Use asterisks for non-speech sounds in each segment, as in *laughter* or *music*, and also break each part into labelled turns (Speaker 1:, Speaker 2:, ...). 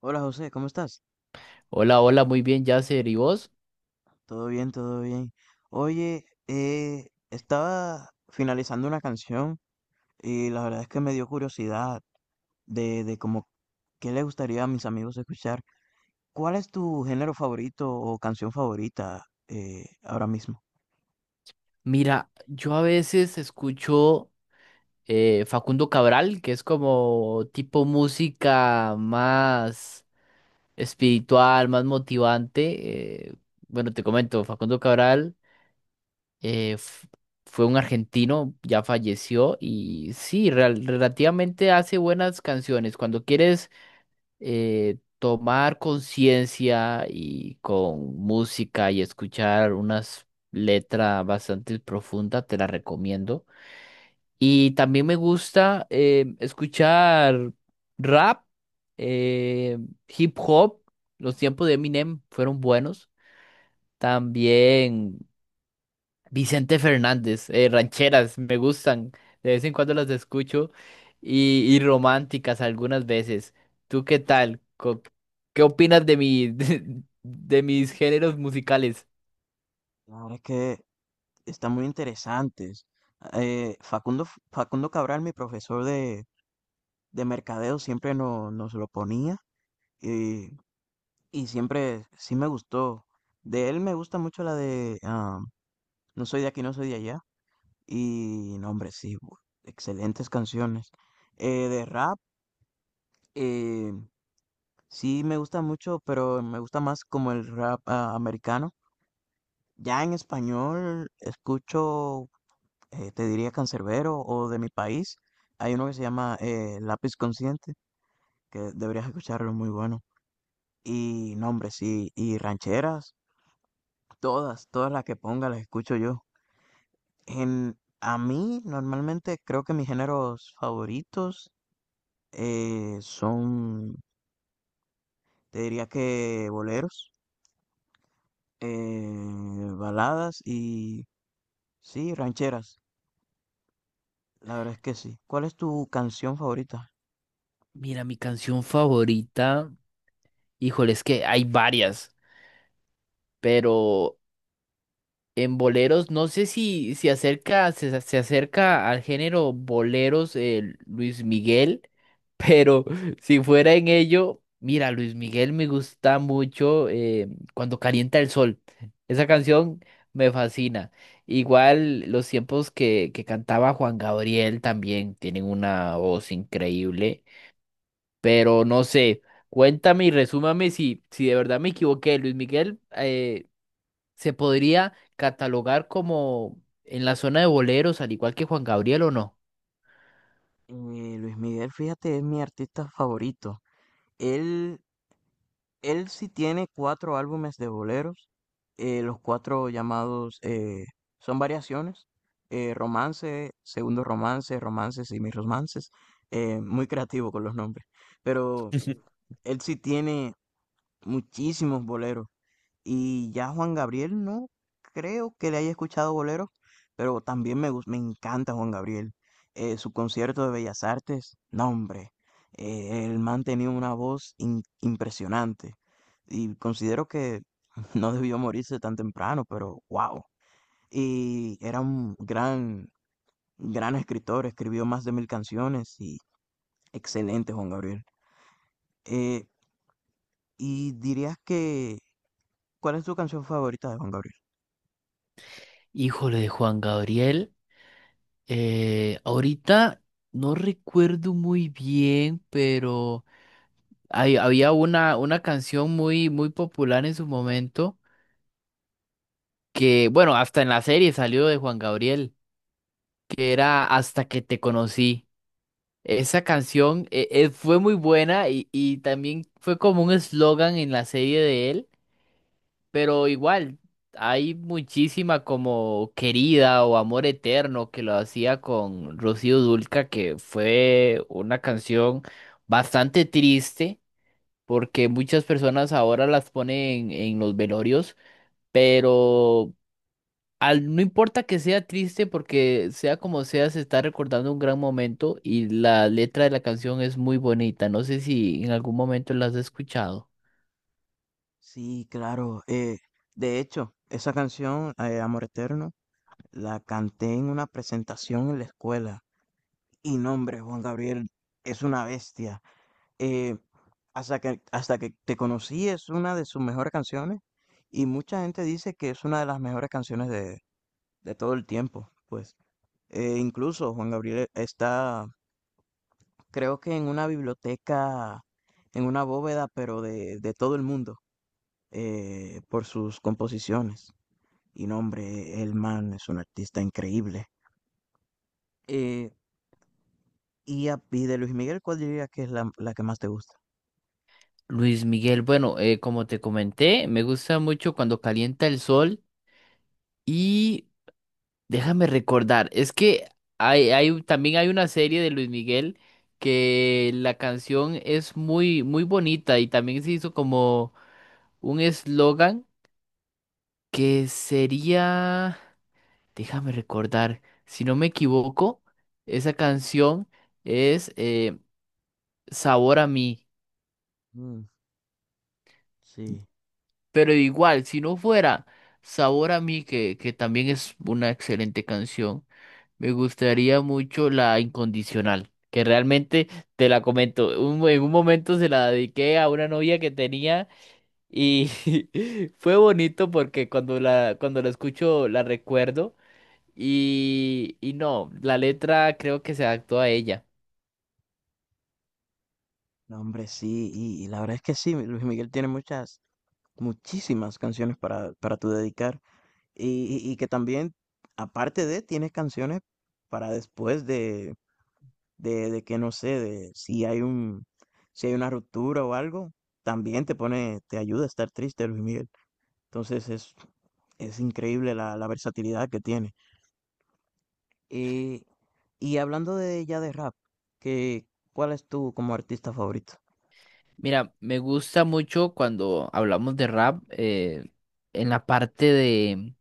Speaker 1: Hola José, ¿cómo estás?
Speaker 2: Hola, hola, muy bien, Yasser. ¿Y vos?
Speaker 1: Todo bien, todo bien. Oye, estaba finalizando una canción y la verdad es que me dio curiosidad de como qué le gustaría a mis amigos escuchar. ¿Cuál es tu género favorito o canción favorita ahora mismo?
Speaker 2: Mira, yo a veces escucho Facundo Cabral, que es como tipo música más espiritual, más motivante. Bueno, te comento, Facundo Cabral eh, f- fue un argentino, ya falleció y sí, relativamente hace buenas canciones. Cuando quieres tomar conciencia y con música y escuchar unas letras bastante profundas, te la recomiendo. Y también me gusta escuchar rap, eh, hip hop. Los tiempos de Eminem fueron buenos. También Vicente Fernández, rancheras, me gustan. De vez en cuando las escucho y, románticas algunas veces. ¿Tú qué tal? ¿Qué opinas de mi, *laughs* de mis géneros musicales?
Speaker 1: La verdad es que están muy interesantes. Eh, Facundo, Facundo Cabral, mi profesor de mercadeo, siempre nos lo ponía. y Y siempre sí me gustó. De él me gusta mucho la de No soy de aquí, no soy de allá. Y no, hombre, sí, excelentes canciones. De rap, eh, sí me gusta mucho, pero me gusta más como el rap americano. Ya en español escucho, te diría Canserbero o de mi país. Hay uno que se llama Lápiz Consciente, que deberías escucharlo, muy bueno. Y no, hombre, sí, y rancheras, todas las que ponga las escucho yo. A mí, normalmente, creo que mis géneros favoritos son, te diría que boleros, eh, baladas y, sí, rancheras. La verdad es que sí. ¿Cuál es tu canción favorita?
Speaker 2: Mira, mi canción favorita, híjole, es que hay varias, pero en boleros, no sé si acerca, se acerca al género boleros, Luis Miguel, pero *laughs* si fuera en ello, mira, Luis Miguel me gusta mucho cuando calienta el sol. Esa canción me fascina. Igual los tiempos que cantaba Juan Gabriel también tienen una voz increíble, pero no sé, cuéntame y resúmame si de verdad me equivoqué. Luis Miguel, ¿se podría catalogar como en la zona de boleros, al igual que Juan Gabriel o no?
Speaker 1: Eh, Luis Miguel, fíjate, es mi artista favorito. Él, Él sí tiene cuatro álbumes de boleros, los cuatro llamados son variaciones, romance, segundo romance, romances y mis romances. Eh, muy creativo con los nombres, pero él sí tiene muchísimos boleros. Y ya Juan Gabriel, no creo que le haya escuchado boleros, pero también me encanta Juan Gabriel. Su concierto de Bellas Artes, no hombre, el man tenía una voz impresionante. Y considero que *laughs* no debió morirse tan temprano, pero wow. Y era un gran escritor, escribió más de mil canciones y excelente Juan Gabriel. Eh, y dirías que, ¿cuál es tu canción favorita de Juan Gabriel?
Speaker 2: Híjole, de Juan Gabriel. Ahorita no recuerdo muy bien, pero había una canción muy, muy popular en su momento, que, bueno, hasta en la serie salió de Juan Gabriel, que era Hasta que te conocí. Esa canción fue muy buena y también fue como un eslogan en la serie de él. Pero igual, hay muchísima como Querida o Amor Eterno que lo hacía con Rocío Dulca, que fue una canción bastante triste, porque muchas personas ahora las ponen en los velorios, pero no importa que sea triste, porque sea como sea, se está recordando un gran momento y la letra de la canción es muy bonita. No sé si en algún momento la has escuchado.
Speaker 1: Sí, claro. Eh, de hecho, esa canción, Amor Eterno, la canté en una presentación en la escuela. Y no, hombre, Juan Gabriel es una bestia. Eh, hasta que te conocí es una de sus mejores canciones. Y mucha gente dice que es una de las mejores canciones de todo el tiempo. Pues incluso Juan Gabriel está, creo que en una biblioteca, en una bóveda, pero de todo el mundo, por sus composiciones. Y nombre, el man es un artista increíble. Eh, y de Luis Miguel, ¿cuál dirías que es la que más te gusta?
Speaker 2: Luis Miguel, bueno, como te comenté, me gusta mucho cuando calienta el sol y déjame recordar, es que también hay una serie de Luis Miguel que la canción es muy, muy bonita y también se hizo como un eslogan que sería, déjame recordar, si no me equivoco, esa canción es Sabor a mí.
Speaker 1: Mm, sí,
Speaker 2: Pero igual, si no fuera Sabor a mí, que también es una excelente canción, me gustaría mucho la Incondicional, que realmente te la comento. En un momento se la dediqué a una novia que tenía y *laughs* fue bonito porque cuando cuando la escucho la recuerdo y no, la letra creo que se adaptó a ella.
Speaker 1: no, hombre, sí. Y la verdad es que sí, Luis Miguel tiene muchas, muchísimas canciones para tu dedicar. Y que también, aparte de, tienes canciones para después de que no sé, de si hay si hay una ruptura o algo, también te pone, te ayuda a estar triste, Luis Miguel. Entonces es, es increíble la versatilidad que tiene. y y hablando de ya de rap, que, ¿cuál es tu como artista favorito?
Speaker 2: Mira, me gusta mucho cuando hablamos de rap, en la parte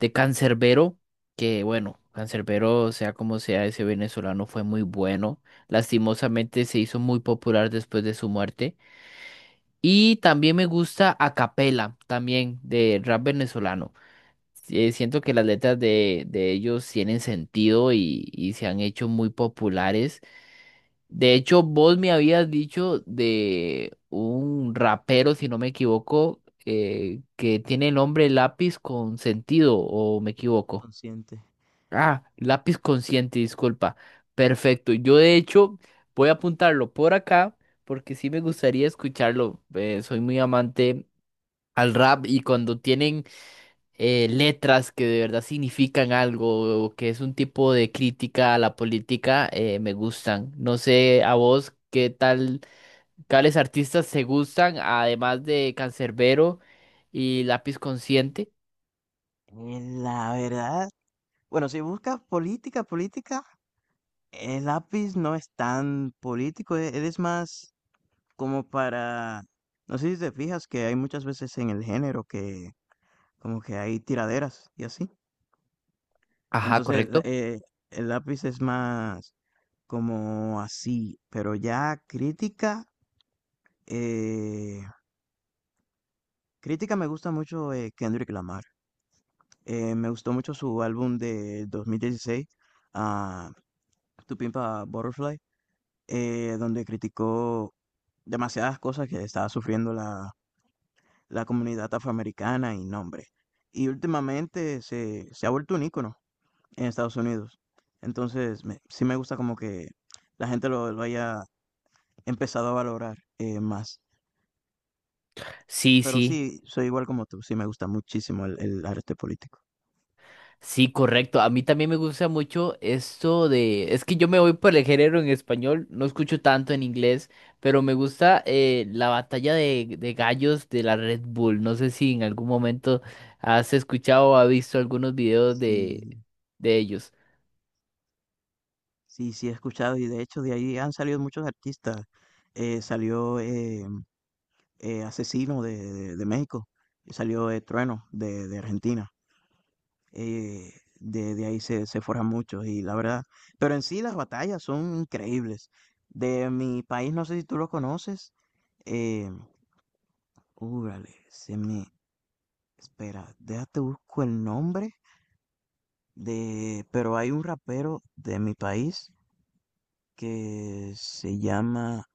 Speaker 2: de Cancerbero, que bueno, Cancerbero sea como sea, ese venezolano fue muy bueno. Lastimosamente se hizo muy popular después de su muerte. Y también me gusta A Capela, también de rap venezolano. Siento que las letras de ellos tienen sentido y se han hecho muy populares. De hecho, vos me habías dicho de un rapero, si no me equivoco, que tiene el nombre Lápiz con sentido, o me equivoco.
Speaker 1: Consciente.
Speaker 2: Ah, Lápiz Consciente, disculpa. Perfecto. Yo de hecho voy a apuntarlo por acá porque sí me gustaría escucharlo. Soy muy amante al rap y cuando tienen letras que de verdad significan algo o que es un tipo de crítica a la política, me gustan. No sé a vos qué tal, cuáles artistas se gustan, además de Cancerbero y Lápiz Consciente.
Speaker 1: La verdad, bueno, si buscas política, el lápiz no es tan político, él es más como para, no sé si te fijas que hay muchas veces en el género que como que hay tiraderas y así.
Speaker 2: Ajá,
Speaker 1: Entonces,
Speaker 2: correcto.
Speaker 1: el lápiz es más como así, pero ya crítica, eh, crítica me gusta mucho Kendrick Lamar. Me gustó mucho su álbum de 2016, ah, Tu Pimpa Butterfly, donde criticó demasiadas cosas que estaba sufriendo la comunidad afroamericana y nombre. Y últimamente se ha vuelto un ícono en Estados Unidos. Entonces, sí me gusta como que la gente lo haya empezado a valorar más.
Speaker 2: Sí,
Speaker 1: Pero
Speaker 2: sí.
Speaker 1: sí, soy igual como tú, sí me gusta muchísimo el arte político.
Speaker 2: Sí, correcto. A mí también me gusta mucho esto de... Es que yo me voy por el género en español, no escucho tanto en inglés, pero me gusta la batalla de gallos de la Red Bull. No sé si en algún momento has escuchado o has visto algunos videos
Speaker 1: Sí,
Speaker 2: de ellos.
Speaker 1: sí, sí he escuchado y de hecho de ahí han salido muchos artistas. Salió Asesino de, de México, salió Trueno de Argentina. eh, de ahí se forjan muchos y la verdad, pero en sí las batallas son increíbles. De mi país, no sé si tú lo conoces, eh, úrale, se me, espera, déjate busco el nombre de, pero hay un rapero de mi país que se llama.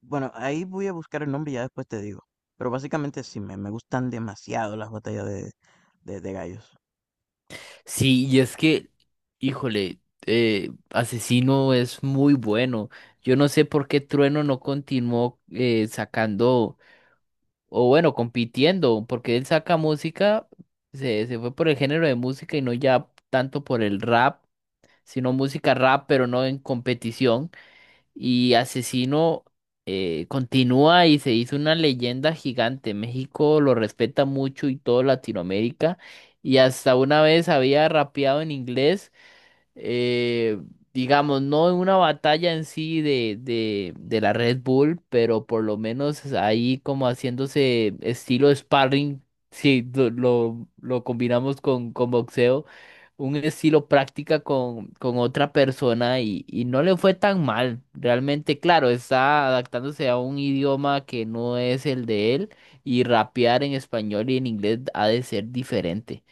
Speaker 1: Bueno, ahí voy a buscar el nombre y ya después te digo. Pero básicamente sí, me gustan demasiado las batallas de gallos.
Speaker 2: Sí, y es que, híjole, Asesino es muy bueno. Yo no sé por qué Trueno no continuó sacando... o bueno, compitiendo, porque él saca música, se fue por el género de música y no ya tanto por el rap, sino música rap, pero no en competición. Y Asesino continúa y se hizo una leyenda gigante. México lo respeta mucho y todo Latinoamérica. Y hasta una vez había rapeado en inglés eh, digamos, no en una batalla en sí de la Red Bull, pero por lo menos ahí como haciéndose estilo sparring, si lo combinamos con boxeo, un estilo práctica con otra persona y no le fue tan mal. Realmente, claro, está adaptándose a un idioma que no es el de él y rapear en español y en inglés ha de ser diferente.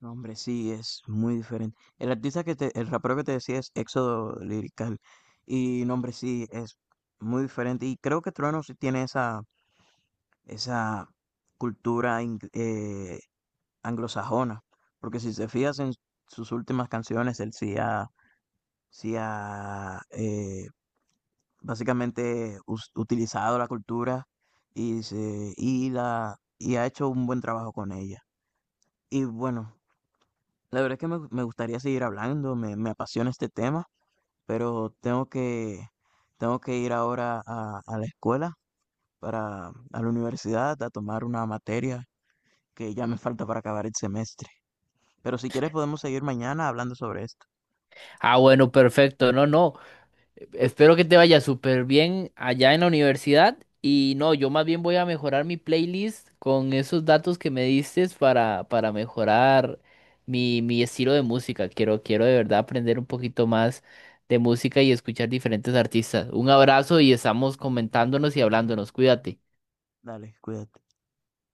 Speaker 1: No, hombre, sí, es muy diferente. El artista que te, el rapero que te decía es Éxodo Lirical. Y no, hombre, sí, es muy diferente. Y creo que Trueno sí tiene esa cultura anglosajona, porque si se fijas en sus últimas canciones, él sí ha, sí ha básicamente utilizado la cultura y, se, y, la, y ha hecho un buen trabajo con ella. Y bueno, la verdad es que me gustaría seguir hablando, me apasiona este tema, pero tengo que ir ahora a la escuela, para, a la universidad, a tomar una materia que ya me falta para acabar el semestre. Pero si quieres podemos seguir mañana hablando sobre esto.
Speaker 2: Ah, bueno, perfecto, no, no. Espero que te vaya súper bien allá en la universidad. Y no, yo más bien voy a mejorar mi playlist con esos datos que me diste para mejorar mi, mi estilo de música. Quiero, quiero de verdad aprender un poquito más de música y escuchar diferentes artistas. Un abrazo y estamos comentándonos y hablándonos. Cuídate.
Speaker 1: Dale, cuídate.